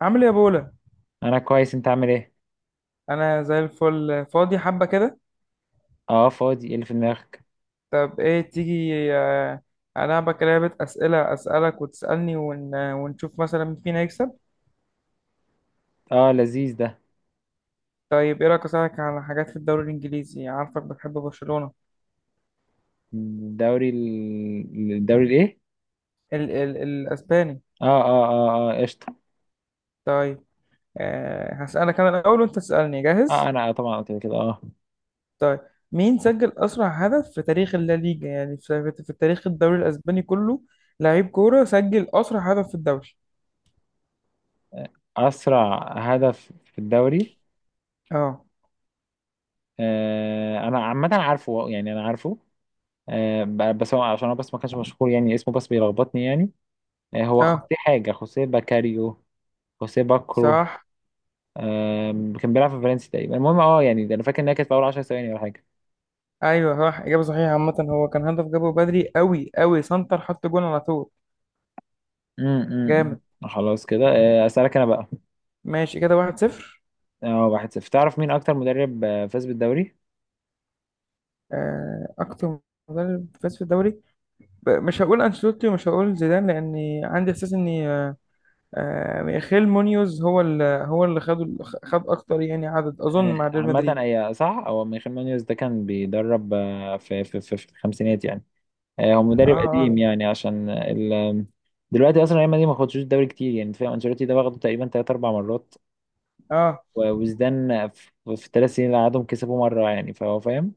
عامل ايه يا بولا؟ انا كويس، انت عامل ايه؟ انا زي الفل، فاضي حبه كده. اه فاضي؟ ايه اللي في دماغك؟ طب ايه، تيجي العبك لعبه اسئله، اسالك وتسالني، ونشوف مثلا مين فينا يكسب. اه لذيذ ده. طيب، ايه رايك اسالك على حاجات في الدوري الانجليزي؟ عارفك بتحب برشلونه. الدوري الدوري الايه؟ الاسباني. اه قشطه. طيب. هسالك انا الاول وانت تسالني، اه جاهز؟ انا طبعا قلت كده. اه طيب، مين سجل اسرع هدف في تاريخ الليجا، يعني في تاريخ الدوري الاسباني كله؟ لعيب كوره سجل اسرع هدف في الدوري. اسرع هدف في الدوري. اه، انا عامه عارفه، يعني انا عارفه. بس هو، عشان هو بس ما كانش مشهور يعني، اسمه بس بيلخبطني يعني. هو اه، خوسيه حاجه، خوسيه باكاريو. خوسيه باكرو. صح. آه كان بيلعب في فالنسيا تقريبا. المهم، يعني ده انا فاكر انها كانت في اول 10 ثواني ولا حاجه. ايوه صح، اجابه صحيحه. عامه هو كان هدف جابه بدري قوي قوي، سنتر حط جون على طول. امم جامد. خلاص كده. اسالك انا بقى. ماشي كده، 1-0. اه واحد صفر. تعرف مين اكتر مدرب فاز بالدوري؟ اكتر مدرب فاز في الدوري؟ مش هقول انشيلوتي ومش هقول زيدان، لاني عندي احساس ان ميخيل مونيوز هو اللي خد اكتر، يعني عدد، اظن مع ريال عامة، مدريد. اي صح، هو ميخيل مانيوس ده كان بيدرب في الخمسينات يعني. هو اه مدرب قديم اه يعني، عشان آه، ال دلوقتي اصلا ريال مدريد ما خدتش الدوري كتير يعني، فاهم؟ انشيلوتي ده واخده تقريبا تلات اربع مرات. اه. وزدان في الثلاث سنين اللي قعدهم كسبوا مرة يعني، فهو فاهم.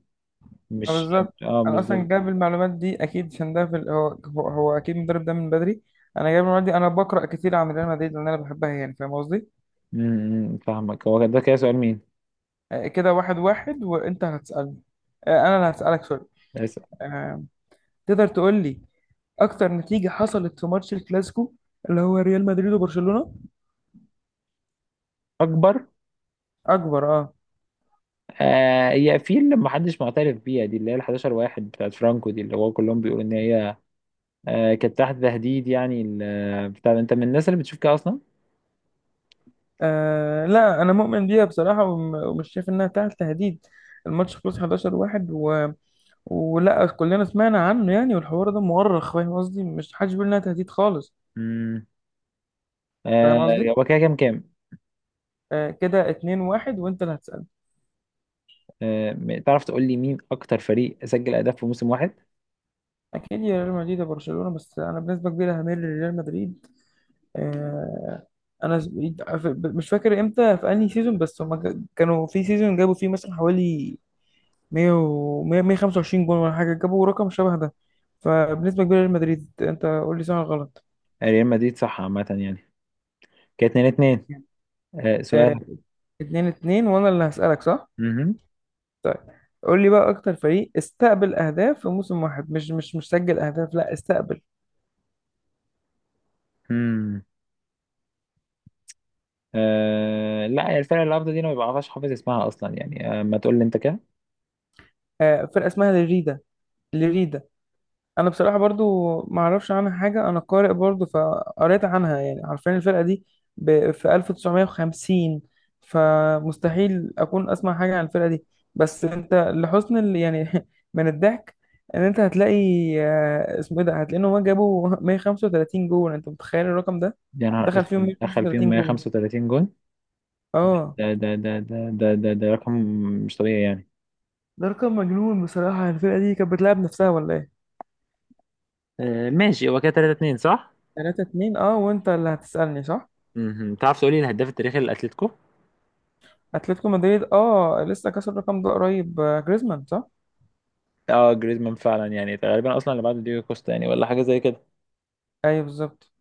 مش… بالظبط. اه انا مش اصلا ده. جايب المعلومات دي اكيد عشان ده في هو هو اكيد المدرب ده من بدري. انا جايب المعلومات دي، انا بقرا كتير عن ريال مدريد لان انا بحبها، يعني فاهم قصدي. م- م، فاهمك. هو ده كده سؤال مين؟ كده واحد واحد، وانت هتسألني. انا اللي هسألك، سوري. بس آه، تقدر تقول لي اكتر نتيجة حصلت في ماتش الكلاسيكو، اللي هو ريال مدريد وبرشلونة؟ اكبر. اكبر، اه. هي في اللي محدش معترف بيها، دي اللي هي ال 11 واحد بتاعت فرانكو، دي اللي هو كلهم بيقولوا ان هي كانت تحت تهديد يعني. بتاع، انت من الناس اللي بتشوف كده اصلا؟ لا انا مؤمن بيها بصراحة، ومش شايف انها تحت تهديد. الماتش خلص 11 واحد، ولا كلنا سمعنا عنه يعني، والحوار ده مؤرخ، فاهم قصدي؟ مش حدش بيقول انها تهديد خالص. امم آه فاهم قصدي. هو كده كام كام؟ كده 2 1، وانت اللي هتسأل. تعرف تقول لي مين اكتر فريق سجل اهداف في موسم واحد؟ اكيد يا ريال مدريد وبرشلونة، بس انا بنسبة كبيرة هميل لريال مدريد. آه، انا س- مش فاكر امتى، في انهي سيزون، بس هما كانوا في سيزون جابوا فيه مثلا حوالي 100 و 100 125 جون ولا حاجه، جابوا رقم شبه ده. فبنسبه كبيره ريال مدريد، انت قول لي صح ولا غلط. ريال مدريد صح، عامة يعني. كانت 2 2. سؤال. آه، اتنين اتنين، وانا اللي هسألك صح؟ امم طيب، قول لي بقى اكتر فريق استقبل اهداف في موسم واحد، مش سجل اهداف، لا، استقبل. امم لا، هي الفرقة اللي قبل دي انا ما بعرفش حافظ اسمها اصلا يعني. ما تقول لي انت كده. آه، فرقة اسمها ليريدا. ليريدا. انا بصراحه برضو ما اعرفش عنها حاجه، انا قارئ برضو فقريت عنها، يعني عارفين الفرقه دي في 1950، فمستحيل اكون اسمع حاجه عن الفرقه دي. بس انت لحسن يعني من الضحك ان انت هتلاقي اسمه ايه ده، هتلاقي ان هم جابوا 135 جول، انت متخيل الرقم ده؟ يا نهار دخل فيهم اسود، دخل فيهم 135 جول، 135 جون؟ اه. ده رقم مش طبيعي يعني. ده رقم مجنون بصراحه، الفرقه دي كانت بتلعب نفسها ولا ايه؟ ماشي. هو كده 3 2 صح؟ 3 2، اه، وانت اللي هتسالني صح. مهم. تعرف تقولي الهداف التاريخي للاتليتيكو؟ اتلتيكو مدريد، اه، لسه كسر الرقم ده قريب، جريزمان صح. اه جريزمان فعلا، يعني غالبا اصلا اللي بعده ديجو كوستا يعني، ولا حاجه زي كده. ايوه بالظبط.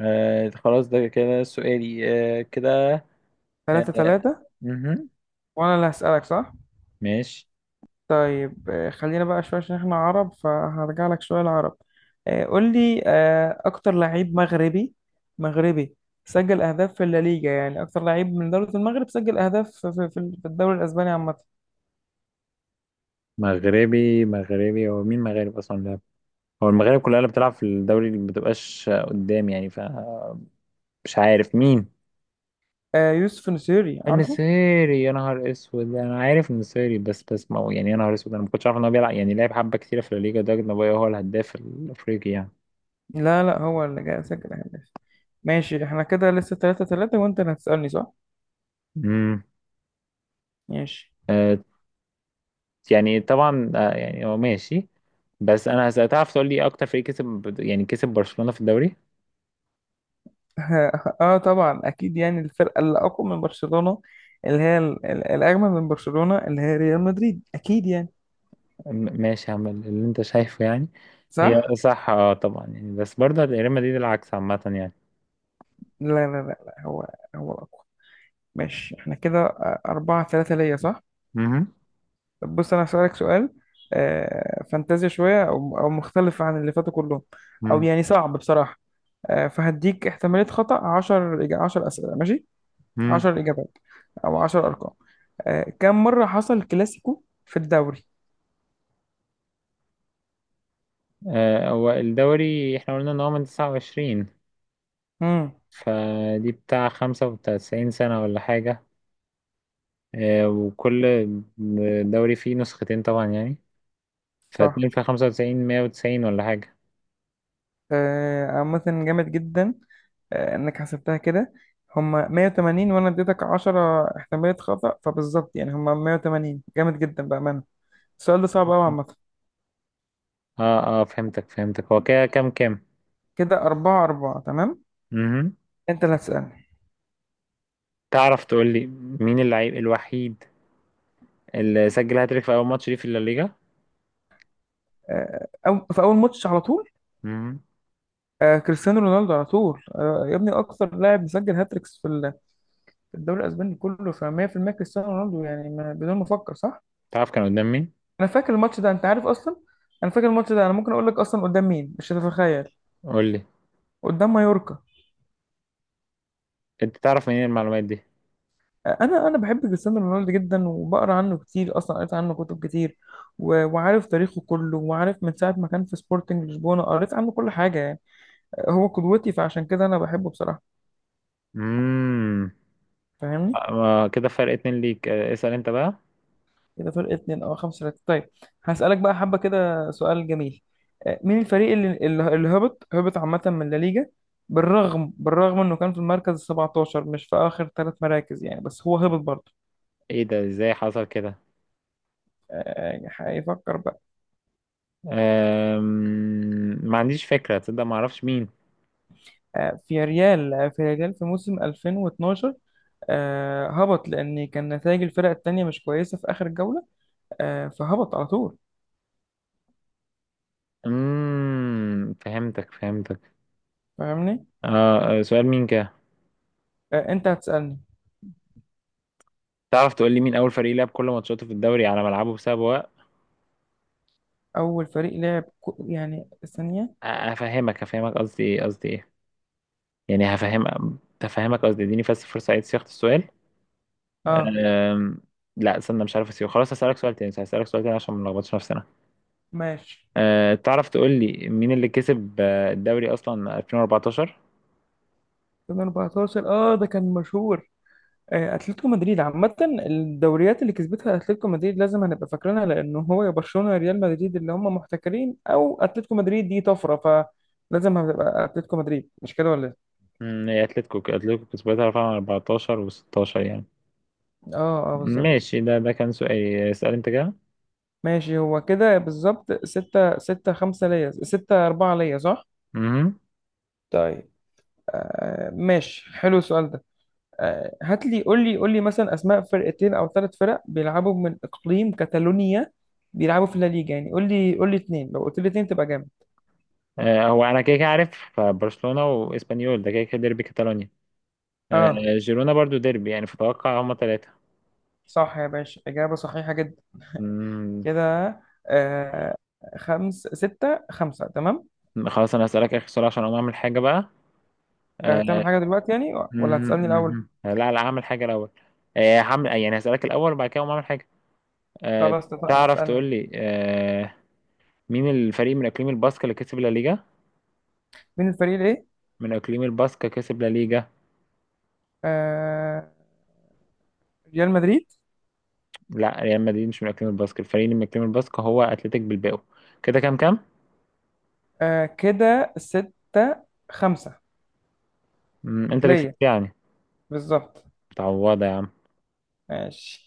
خلاص، ده كده سؤالي. آه كده 3 آه 3، مهم. وانا اللي هسألك صح. ماشي. طيب خلينا بقى شويه عشان احنا عرب، فهرجع لك شويه العرب. قول لي اكتر لعيب مغربي، مغربي، سجل اهداف في الليجا. يعني اكتر لعيب من دوله المغرب سجل اهداف في في الدوري الاسباني عامه. مغربي؟ مغربي هو مين مغرب اصلا ده؟ هو المغرب كلها اللي بتلعب في الدوري اللي ما بتبقاش قدام يعني، فمش عارف مين. يوسف نسيري، عارفه. النصيري؟ يا نهار اسود، انا عارف النصيري، بس ما هو يعني، يا نهار اسود، انا ما كنتش عارف ان هو بيلعب يعني، لعب حبه كتيره في الليجا ده؟ نبايا، هو هو الهداف الافريقي يعني. لا لا، هو اللي جاي سجل اهداف. ماشي احنا كده لسه 3 3، وانت اللي هتسألني صح. امم ماشي. آه يعني طبعا، يعني هو ماشي. بس انا هسأل: تعرف تقول لي اكتر فريق كسب يعني كسب برشلونه في الدوري؟ اه طبعا اكيد يعني الفرقه اللي اقوى من برشلونه، اللي هي الاجمل من برشلونه، اللي هي ريال مدريد، اكيد يعني. ماشي، هعمل اللي انت شايفه يعني. هي صح. صح، طبعا يعني، بس برضه ريال مدريد العكس عامه يعني. لا هو الاقوى. ماشي احنا كده أربعة ثلاثة ليا، صح؟ امم طب بص، انا هسألك سؤال فانتازيا شويه، او مختلف عن اللي فاتوا كلهم، او يعني صعب بصراحه. فهديك احتماليه خطأ 10، 10 اسئله ماشي، امم 10 اجابات او 10 ارقام. كم مره حصل كلاسيكو في الدوري؟ هو الدوري احنا قلنا ان هو من 29، امم، فدي بتاع خمسة وتسعين سنة ولا حاجة. وكل دوري فيه نسختين طبعا يعني، صح. فاتنين في خمسة وتسعين مية وتسعين ولا حاجة. عامة جامد جدا انك حسبتها كده. هما 180، وانا اديتك 10 احتمالية خطأ، فبالظبط يعني. هما 180، جامد جدا بأمانة، السؤال ده صعب قوي عامة. اه فهمتك فهمتك. هو كده كام كام؟ كده 4 4، تمام. مهم. انت اللي هتسألني. تعرف تقول لي مين اللعيب الوحيد اللي سجل هاتريك في أول ماتش ليه في الليجا؟ أو في اول ماتش على طول. مهم. كريستيانو رونالدو على طول يا ابني، اكتر لاعب مسجل هاتريكس في في الدوري الاسباني كله، ف 100% كريستيانو رونالدو يعني، بدون ما افكر صح. تعرف كان قدام مين؟ انا فاكر الماتش ده، انت عارف اصلا، انا فاكر الماتش ده. انا ممكن اقول لك اصلا قدام مين، مش هتتخيل. قول لي. قدام مايوركا. انت تعرف منين المعلومات دي؟ انا بحب كريستيانو رونالدو جدا، وبقرا عنه كتير، اصلا قريت عنه كتب كتير، وعارف تاريخه كله، وعارف من ساعه ما كان في سبورتنج لشبونه، قريت عنه كل حاجه يعني. هو قدوتي، فعشان كده انا بحبه بصراحه. امم فاهمني. آه، كده فرق اتنين ليك. اسأل انت بقى. كده فرق اتنين، او خمسة ثلاثة. طيب، هسألك بقى حبة كده سؤال جميل. مين الفريق اللي هبط عامة من لا ليجا، بالرغم انه كان في المركز ال 17، مش في اخر ثلاث مراكز يعني، بس هو هبط برضه؟ ايه ده؟ ازاي حصل كده؟ يعني هيفكر بقى. ما عنديش فكرة، تصدق، ما اعرفش مين. في ريال في موسم 2012 هبط، لأن كان نتائج الفرق التانية مش كويسة في آخر جولة، فهبط على طول. فهمتك فهمتك. فاهمني. سؤال مين كده؟ أنت هتسألني. تعرف تقول لي مين اول فريق لعب كل ماتشاته في الدوري على ملعبه بسبب وقت؟ أول فريق لعب يعني ثانية. هفهمك قصدي ايه، قصدي ايه، يعني هفهم، هفهمك قصدي، اديني بس فرصة اعيد صياغة السؤال. أه أم... لا، استنى، مش عارف، اسيبه خلاص، هسألك سؤال تاني، هسألك سؤال تاني عشان ما نلخبطش نفسنا. ماشي. تعرف تقول لي مين اللي كسب الدوري اصلا 2014؟ 2014، أه ده كان مشهور. أتلتيكو مدريد. عامة الدوريات اللي كسبتها أتلتيكو مدريد لازم هنبقى فاكرينها، لأن هو يا برشلونة يا ريال مدريد اللي هم محتكرين، أو أتلتيكو مدريد دي طفرة. فلازم هتبقى أتلتيكو مدريد، مش كده ولا إيه؟ هي اتلتيكو، اتلتيكو كسبتها فعلا 14 و16 يعني. أه أه بالظبط. ماشي، ده كان سؤالي. اسأل انت كده. ماشي، هو كده بالظبط ستة ستة، خمسة ليا، ستة أربعة ليا صح؟ مهم. طيب، آه ماشي، حلو السؤال ده. آه، هات لي قول لي قول لي مثلا أسماء فرقتين أو ثلاث فرق بيلعبوا من إقليم كاتالونيا، بيلعبوا في الليجا. يعني قول لي اتنين، لو قلت لي اتنين تبقى جامد. هو انا كده كده عارف برشلونة واسبانيول، ده كده كده ديربي كاتالونيا. آه اه جيرونا برضو ديربي يعني، فتوقع هما ثلاثة. صح يا باشا، إجابة صحيحة جدا. كده آه خمس ستة، خمسة، تمام. خلاص، انا هسألك اخر سؤال عشان اقوم اعمل حاجة بقى. آه هتعمل حاجة دلوقتي يعني، مهم، ولا هتسألني الأول؟ مهم. لا لا، اعمل حاجة الاول. هعمل يعني، هسألك الاول وبعد كده اقوم اعمل حاجة. آه خلاص اتفقنا، تعرف اسألني. تقول لي مين الفريق من اقليم الباسكا اللي كسب لا ليجا؟ مين الفريق الإيه؟ من اقليم الباسكا كسب لا ليجا. آه، ريال مدريد. لا، ريال مدريد مش من اكاديمية الباسك، الفريق اللي من اكاديمية الباسك هو اتلتيك بلباو. كده كام كام؟ آه كده ستة خمسة مم، انت اللي كسبت ليا، يعني. بالظبط. متعوضة يا عم. ماشي.